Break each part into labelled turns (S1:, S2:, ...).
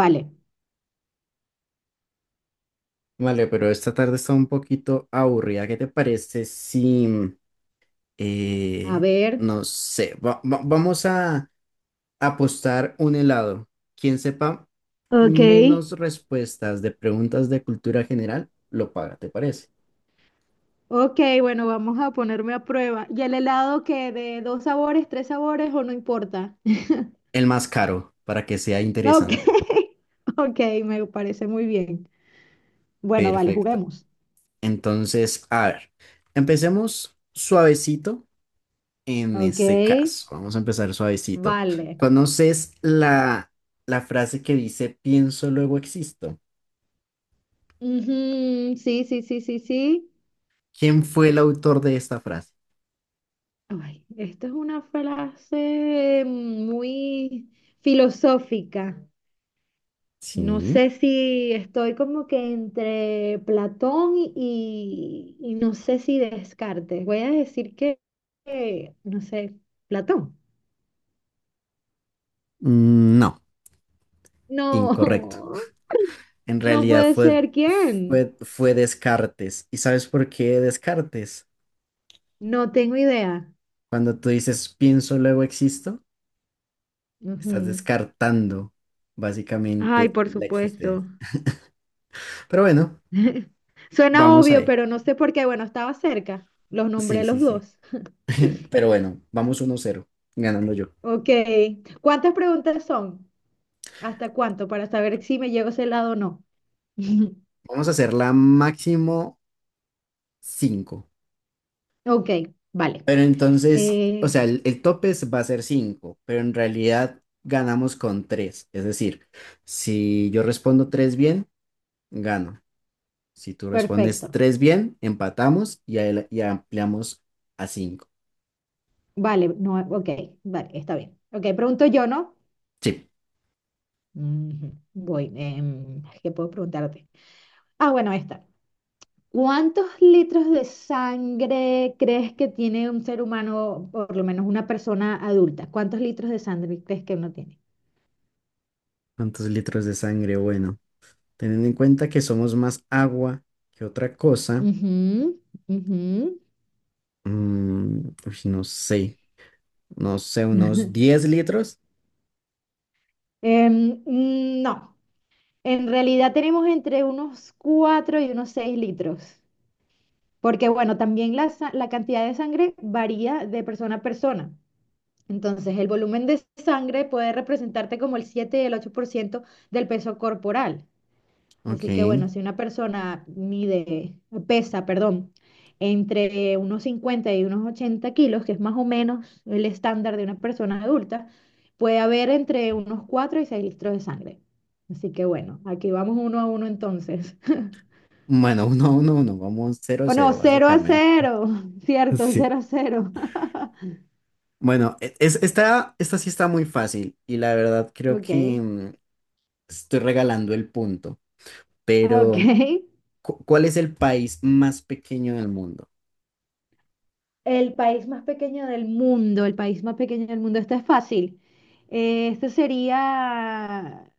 S1: Vale,
S2: Vale, pero esta tarde está un poquito aburrida. ¿Qué te parece si,
S1: a
S2: eh,
S1: ver.
S2: no sé, vamos a apostar un helado? Quien sepa
S1: Ok.
S2: menos respuestas de preguntas de cultura general, lo paga, ¿te parece?
S1: Ok, bueno, vamos a ponerme a prueba. ¿Y el helado que de dos sabores, tres sabores o no importa?
S2: El más caro, para que sea
S1: Ok,
S2: interesante.
S1: ok, me parece muy bien. Bueno, vale,
S2: Perfecto.
S1: juguemos.
S2: Entonces, a ver, empecemos suavecito. En
S1: Ok,
S2: este caso, vamos a empezar suavecito.
S1: vale.
S2: ¿Conoces la frase que dice pienso, luego existo?
S1: Ujú, sí, sí, sí, sí, sí.
S2: ¿Quién fue el autor de esta frase?
S1: Ay, esta es una frase muy filosófica. No
S2: Sí.
S1: sé si estoy como que entre Platón y no sé si Descartes. Voy a decir que, no sé, Platón.
S2: Mm, no, incorrecto.
S1: No,
S2: En
S1: no
S2: realidad
S1: puede
S2: fue,
S1: ser. ¿Quién?
S2: fue, fue Descartes. ¿Y sabes por qué Descartes?
S1: No tengo idea.
S2: Cuando tú dices pienso, luego existo, estás
S1: Ujú.
S2: descartando
S1: Ay,
S2: básicamente
S1: por
S2: la existencia.
S1: supuesto.
S2: Pero bueno,
S1: Suena
S2: vamos
S1: obvio,
S2: ahí.
S1: pero no sé por qué. Bueno, estaba cerca. Los
S2: Sí,
S1: nombré
S2: sí,
S1: los
S2: sí.
S1: dos.
S2: Pero bueno, vamos 1-0, ganando yo.
S1: Ok. ¿Cuántas preguntas son? ¿Hasta cuánto? Para saber si me llego a ese lado o no.
S2: Vamos a hacer la máximo cinco.
S1: Ok, vale.
S2: Pero entonces, o
S1: Eh,
S2: sea, el tope va a ser 5 pero en realidad ganamos con tres. Es decir, si yo respondo 3 bien, gano. Si tú respondes
S1: Perfecto.
S2: 3 bien, empatamos y, ahí y ampliamos a cinco.
S1: Vale, no, ok, vale, está bien. Ok, pregunto yo, ¿no?
S2: Sí.
S1: Ujú, voy, ¿qué puedo preguntarte? Ah, bueno, esta. ¿Cuántos litros de sangre crees que tiene un ser humano, por lo menos una persona adulta? ¿Cuántos litros de sangre crees que uno tiene?
S2: ¿Cuántos litros de sangre? Bueno, teniendo en cuenta que somos más agua que otra cosa,
S1: Ujú, ujú.
S2: uy, no sé, unos 10 litros.
S1: No, en realidad tenemos entre unos 4 y unos 6 litros. Porque bueno, también la cantidad de sangre varía de persona a persona. Entonces, el volumen de sangre puede representarte como el 7 y el 8 por ciento del peso corporal. Así que
S2: Ok.
S1: bueno, si una persona mide, pesa, perdón, entre unos 50 y unos 80 kilos, que es más o menos el estándar de una persona adulta, puede haber entre unos 4 y 6 litros de sangre. Así que bueno, aquí vamos 1-1 entonces.
S2: Bueno, uno, uno, uno, vamos cero
S1: O no,
S2: cero
S1: cero a
S2: básicamente.
S1: cero Cierto,
S2: Sí.
S1: 0-0.
S2: Bueno, es, esta sí está muy fácil y la verdad creo que
S1: Ok,
S2: mm, estoy regalando el punto,
S1: ok.
S2: pero ¿cuál es el país más pequeño del mundo?
S1: El país más pequeño del mundo, el país más pequeño del mundo, esto es fácil. Este sería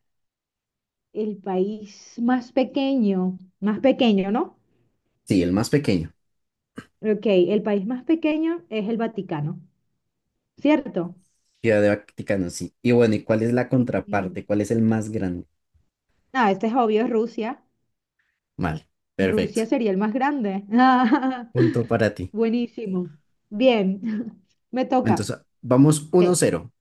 S1: el país más pequeño, ¿no?
S2: Sí, el más pequeño,
S1: Ok, el país más pequeño es el Vaticano, ¿cierto?
S2: Ciudad de Vaticano, sí. Y bueno, ¿y cuál es la
S1: Mm,
S2: contraparte? ¿Cuál es el más grande?
S1: Ah, este es obvio, es Rusia.
S2: Vale, perfecto.
S1: Rusia sería el más grande.
S2: Punto para ti.
S1: Buenísimo. Bien, me toca.
S2: Entonces, vamos uno
S1: Ok.
S2: cero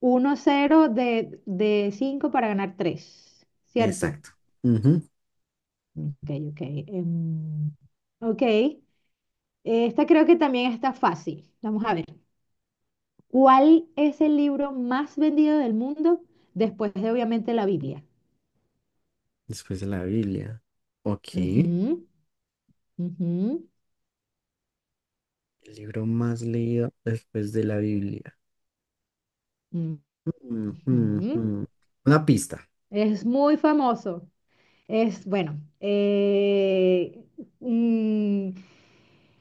S1: 1-0 de 5 para ganar tres, ¿cierto?
S2: Exacto. Ujú.
S1: Ok, ok. em, ok, esta creo que también está fácil. Vamos a ver. ¿Cuál es el libro más vendido del mundo después de, obviamente, la Biblia?
S2: Después de la Biblia. Ok.
S1: Ujú, ujú,
S2: El libro más leído después de la Biblia. Mm, mm,
S1: ujú.
S2: mm. Una pista.
S1: Es muy famoso. Es, bueno, mm,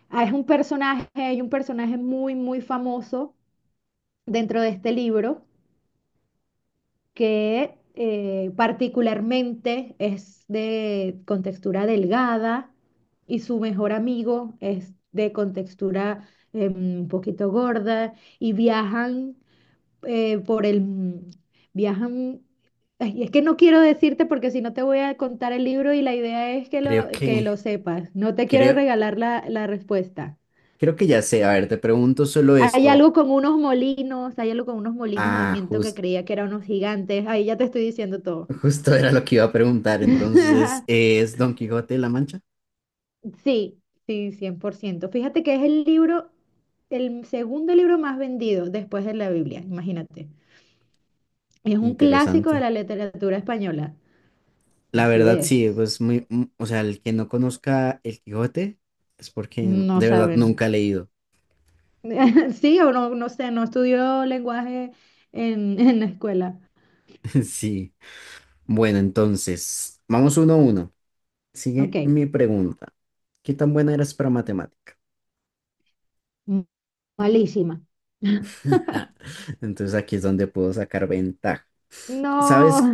S1: Ah, Es un personaje, hay un personaje muy, muy famoso dentro de este libro que particularmente es de contextura delgada y su mejor amigo es de contextura un poquito gorda y viajan por el... viajan... ay, es que no quiero decirte porque si no te voy a contar el libro y la idea es que
S2: Creo
S1: que lo
S2: que,
S1: sepas. No te quiero
S2: creo,
S1: regalar la respuesta.
S2: creo que ya sé. A ver, te pregunto solo
S1: Hay
S2: esto.
S1: algo con unos molinos, hay algo con unos molinos de
S2: Ah,
S1: viento que creía que eran unos gigantes. Ahí ya te estoy diciendo todo.
S2: justo era lo que iba a preguntar. Entonces, ¿es Don Quijote de la Mancha?
S1: Sí, sí, 100%. Fíjate que es el libro, el segundo libro más vendido después de la Biblia, imagínate. Es un clásico de
S2: Interesante.
S1: la literatura española.
S2: La
S1: Así
S2: verdad, sí,
S1: es.
S2: pues muy, o sea, el que no conozca el Quijote es porque
S1: No
S2: de verdad
S1: saben.
S2: nunca ha leído.
S1: Sí, o no, no sé, no estudió lenguaje en, en la escuela.
S2: Sí. Bueno, entonces, vamos 1-1. Sigue
S1: Ok.
S2: mi pregunta. ¿Qué tan buena eras para matemática?
S1: m- Malísima.
S2: Entonces aquí es donde puedo sacar ventaja.
S1: No.
S2: ¿Sabes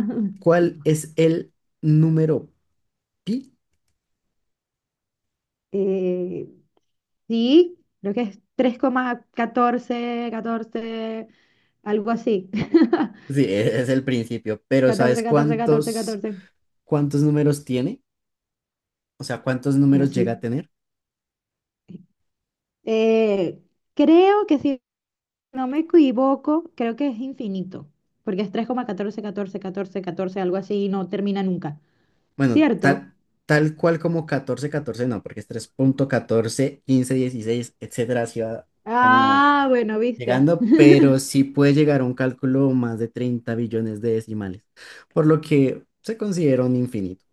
S2: cuál es el número pi?
S1: Eh, Sí, creo que es 3,14, 14, algo así.
S2: Sí, es el principio, pero ¿sabes
S1: Catorce, catorce, catorce,
S2: cuántos,
S1: catorce.
S2: cuántos números tiene? O sea, ¿cuántos
S1: Bueno,
S2: números llega
S1: sí.
S2: a tener?
S1: Eh, Creo que si no me equivoco, creo que es infinito, porque es 3,14, catorce, catorce, catorce, algo así y no termina nunca.
S2: Bueno,
S1: ¿Cierto?
S2: tal cual como 14 14 no, porque es tres punto catorce quince dieciséis etcétera, así va como
S1: Ah, bueno, viste.
S2: llegando, pero sí puede llegar a un cálculo más de 30 billones de decimales, por lo que se considera un infinito.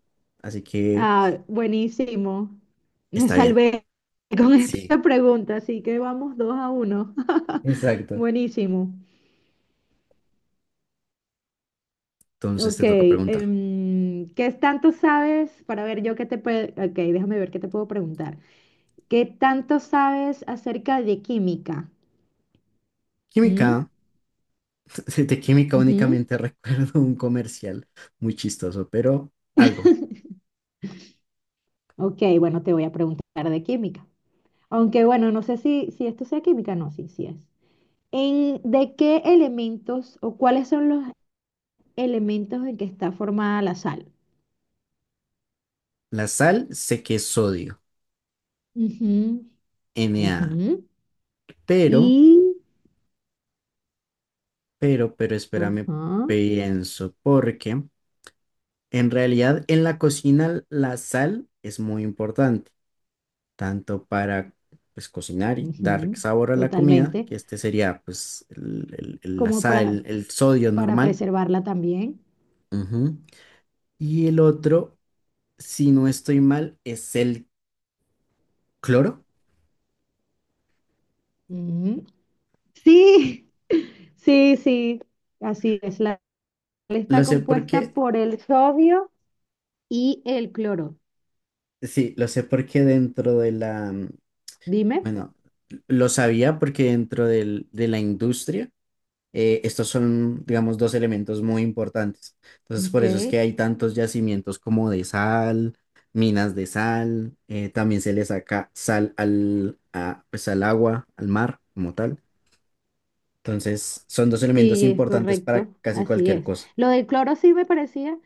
S2: Así que
S1: Ah, buenísimo. Me
S2: está bien.
S1: salvé con
S2: Sí,
S1: esta pregunta, así que vamos 2-1.
S2: exacto.
S1: Buenísimo.
S2: Entonces
S1: Ok,
S2: te toca preguntar.
S1: ¿qué tanto sabes? Para ver yo qué te puedo... Ok, déjame ver qué te puedo preguntar. ¿Qué tanto sabes acerca de química? ¿Mm?
S2: Química. De química
S1: Ujú.
S2: únicamente recuerdo un comercial muy chistoso, pero algo.
S1: Ok, bueno, te voy a preguntar de química. Aunque bueno, no sé si esto sea química, no, sí, sí es. ¿En, de qué elementos o cuáles son los elementos en que está formada la sal?
S2: La sal sé que es sodio,
S1: Ujú,
S2: Na.
S1: ujú.
S2: Pero,
S1: Y,
S2: pero, espérame,
S1: ajá,
S2: pienso, porque en realidad en la cocina la sal es muy importante, tanto para pues cocinar y dar
S1: ujú,
S2: sabor a la comida, que
S1: totalmente.
S2: este sería pues la
S1: Como
S2: sal, el sodio
S1: para
S2: normal.
S1: preservarla también.
S2: Ujú. Y el otro, si no estoy mal, es el cloro.
S1: Mm, Sí, sí, sí, así es. La sal
S2: Lo
S1: está
S2: sé
S1: compuesta
S2: porque,
S1: por el sodio y el cloro.
S2: sí, lo sé porque dentro de la,
S1: Dime.
S2: bueno, lo sabía porque de la industria, estos son, digamos, dos elementos muy importantes. Entonces, por eso es que
S1: Ok.
S2: hay tantos yacimientos como de sal, minas de sal, también se le saca sal pues, al agua, al mar, como tal. Entonces, son dos elementos
S1: Sí, es
S2: importantes para
S1: correcto,
S2: casi
S1: así
S2: cualquier
S1: es.
S2: cosa.
S1: Lo del cloro sí me parecía.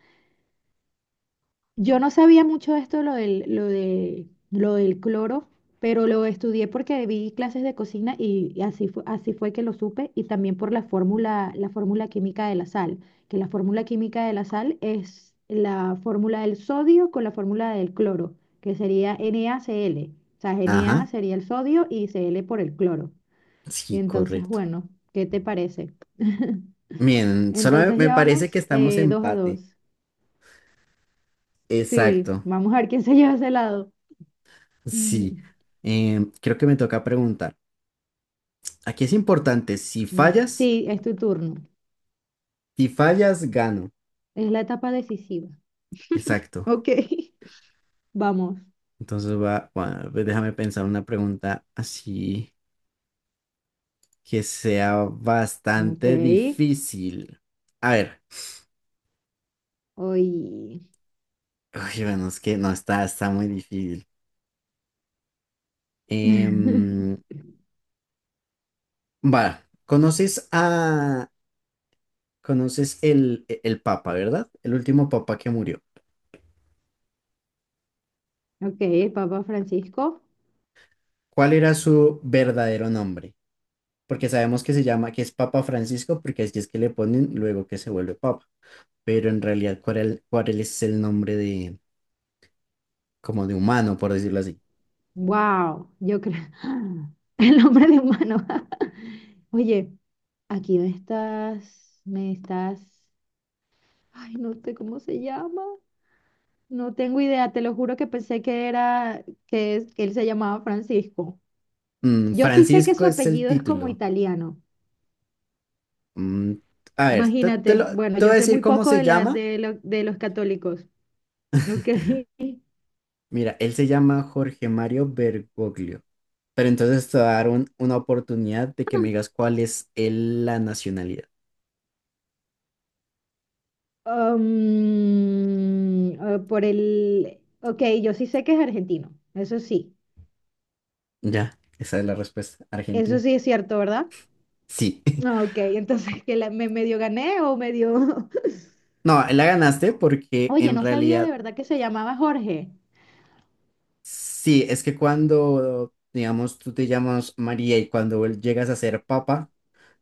S1: Yo no sabía mucho de esto, lo del cloro, pero lo estudié porque vi clases de cocina y así fue que lo supe, y también por la fórmula química de la sal, que la fórmula química de la sal es la fórmula del sodio con la fórmula del cloro, que sería NaCl. O sea, Na
S2: Ajá.
S1: sería el sodio y Cl por el cloro. Y
S2: Sí,
S1: entonces,
S2: correcto.
S1: bueno, ¿qué te parece?
S2: Bien, solo
S1: Entonces
S2: me
S1: ya
S2: parece que
S1: vamos
S2: estamos
S1: dos a
S2: empate.
S1: dos. Sí,
S2: Exacto.
S1: vamos a ver quién se lleva ese lado.
S2: Sí. Creo que me toca preguntar. Aquí es importante,
S1: Ujú. Sí, es tu turno.
S2: si fallas, gano.
S1: Es la etapa decisiva.
S2: Exacto.
S1: Ok. Vamos.
S2: Entonces va, bueno, pues déjame pensar una pregunta así que sea
S1: Ok.
S2: bastante difícil. A ver.
S1: Hoy.
S2: Uy, bueno, es que no está muy difícil. Em, va, conoces el Papa, ¿verdad? El último Papa que murió.
S1: Ok, el Papa Francisco.
S2: ¿Cuál era su verdadero nombre? Porque sabemos que se llama, que es Papa Francisco, porque así es que le ponen luego que se vuelve Papa. Pero en realidad, ¿cuál es el nombre de, como de humano, por decirlo así?
S1: Wow, yo creo. El hombre de humano. Oye, aquí me estás. Me estás. Ay, no sé cómo se llama. No tengo idea. Te lo juro que pensé que era que, que él se llamaba Francisco.
S2: Mm,
S1: Yo sí sé que
S2: Francisco
S1: su
S2: es el
S1: apellido es como
S2: título.
S1: italiano.
S2: Mm, a ver,
S1: Imagínate, bueno,
S2: te voy
S1: yo
S2: a
S1: sé
S2: decir
S1: muy
S2: cómo
S1: poco
S2: se
S1: de, la,
S2: llama.
S1: de, de los católicos, ¿ok?
S2: Mira, él se llama Jorge Mario Bergoglio. Pero entonces te voy a dar una oportunidad de que me digas cuál es la nacionalidad.
S1: Ok, yo sí sé que es argentino,
S2: Ya, esa es la respuesta.
S1: eso
S2: Argentina.
S1: sí es cierto, ¿verdad?
S2: Sí.
S1: Ah, ok, entonces que me medio gané o medio...
S2: No, la ganaste porque
S1: Oye,
S2: en
S1: no sabía de
S2: realidad
S1: verdad que se llamaba Jorge.
S2: sí, es que cuando, digamos, tú te llamas María y cuando llegas a ser papa,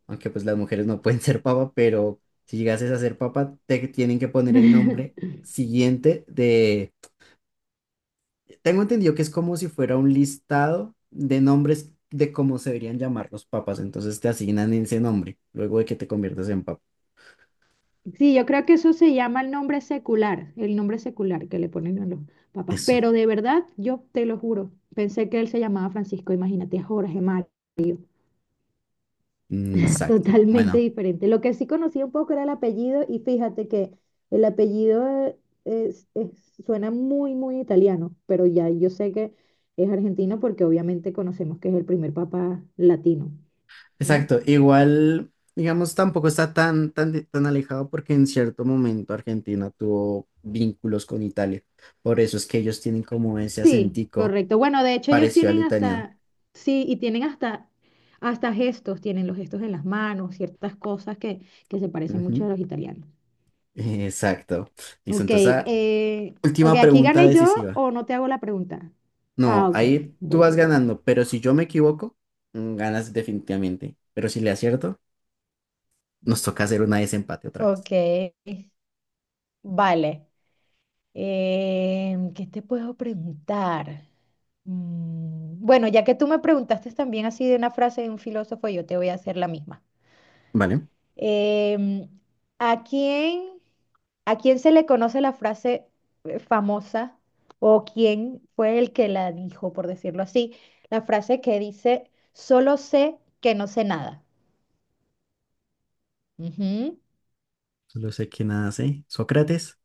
S2: aunque pues las mujeres no pueden ser papa, pero si llegases a ser papa, te tienen que poner el nombre siguiente de... Tengo entendido que es como si fuera un listado de nombres de cómo se deberían llamar los papas, entonces te asignan ese nombre luego de que te conviertas en papa.
S1: Sí, yo creo que eso se llama el nombre secular que le ponen a los papás,
S2: Eso.
S1: pero de verdad, yo te lo juro, pensé que él se llamaba Francisco, imagínate, Jorge,
S2: Mm. Exacto.
S1: totalmente
S2: Bueno.
S1: diferente. Lo que sí conocía un poco era el apellido y fíjate que el apellido es- es- suena muy, muy italiano, pero ya yo sé que es argentino porque obviamente conocemos que es el primer papa latino, ¿no?
S2: Exacto, igual, digamos, tampoco está tan alejado porque en cierto momento Argentina tuvo vínculos con Italia. Por eso es que ellos tienen como ese
S1: Sí,
S2: acentico
S1: correcto. Bueno, de hecho ellos
S2: parecido al
S1: tienen
S2: italiano.
S1: hasta, sí, y tienen hasta, hasta gestos, tienen los gestos en las manos, ciertas cosas que se parecen mucho
S2: Ujú,
S1: a los italianos.
S2: exacto. Listo,
S1: Ok,
S2: entonces,
S1: ok,
S2: última
S1: aquí
S2: pregunta
S1: gané yo
S2: decisiva.
S1: o no te hago la pregunta.
S2: No,
S1: Ah, ok,
S2: ahí tú
S1: voy,
S2: vas
S1: voy, voy.
S2: ganando, pero si yo me equivoco, ganas definitivamente. Pero si le acierto, nos toca hacer una desempate otra vez.
S1: Ok, vale. ¿Qué te puedo preguntar? Bueno, ya que tú me preguntaste también así de una frase de un filósofo, yo te voy a hacer la misma.
S2: ¿Vale?
S1: Em, ¿A quién, a quién se le conoce la frase famosa o quién fue el que la dijo, por decirlo así? La frase que dice, solo sé que no sé nada. Ujú.
S2: Solo sé que nada sé. Sócrates.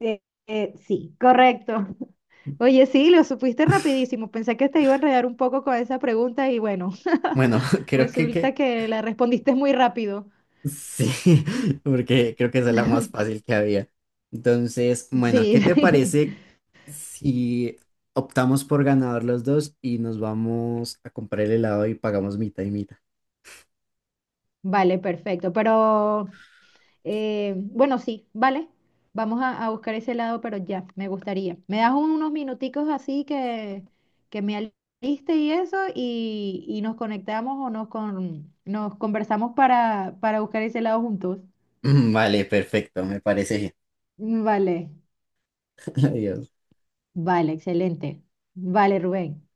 S1: Sí, correcto. Oye, sí, lo supiste rapidísimo. Pensé que te iba a enredar un poco con esa pregunta y bueno,
S2: Bueno, creo que
S1: resulta que la respondiste muy rápido.
S2: sí, porque creo que esa es la más fácil que había. Entonces, bueno, ¿qué te
S1: Sí,
S2: parece si optamos por ganador los dos y nos vamos a comprar el helado y pagamos mitad y mitad?
S1: vale, perfecto. Pero bueno, sí, vale. Vamos a buscar ese lado, pero ya, me gustaría. Me das unos minuticos así que me aliste y eso y nos conectamos o nos, con, nos conversamos para buscar ese lado juntos.
S2: Vale, perfecto, me parece bien.
S1: Vale.
S2: Adiós.
S1: Vale, excelente. Vale, Rubén.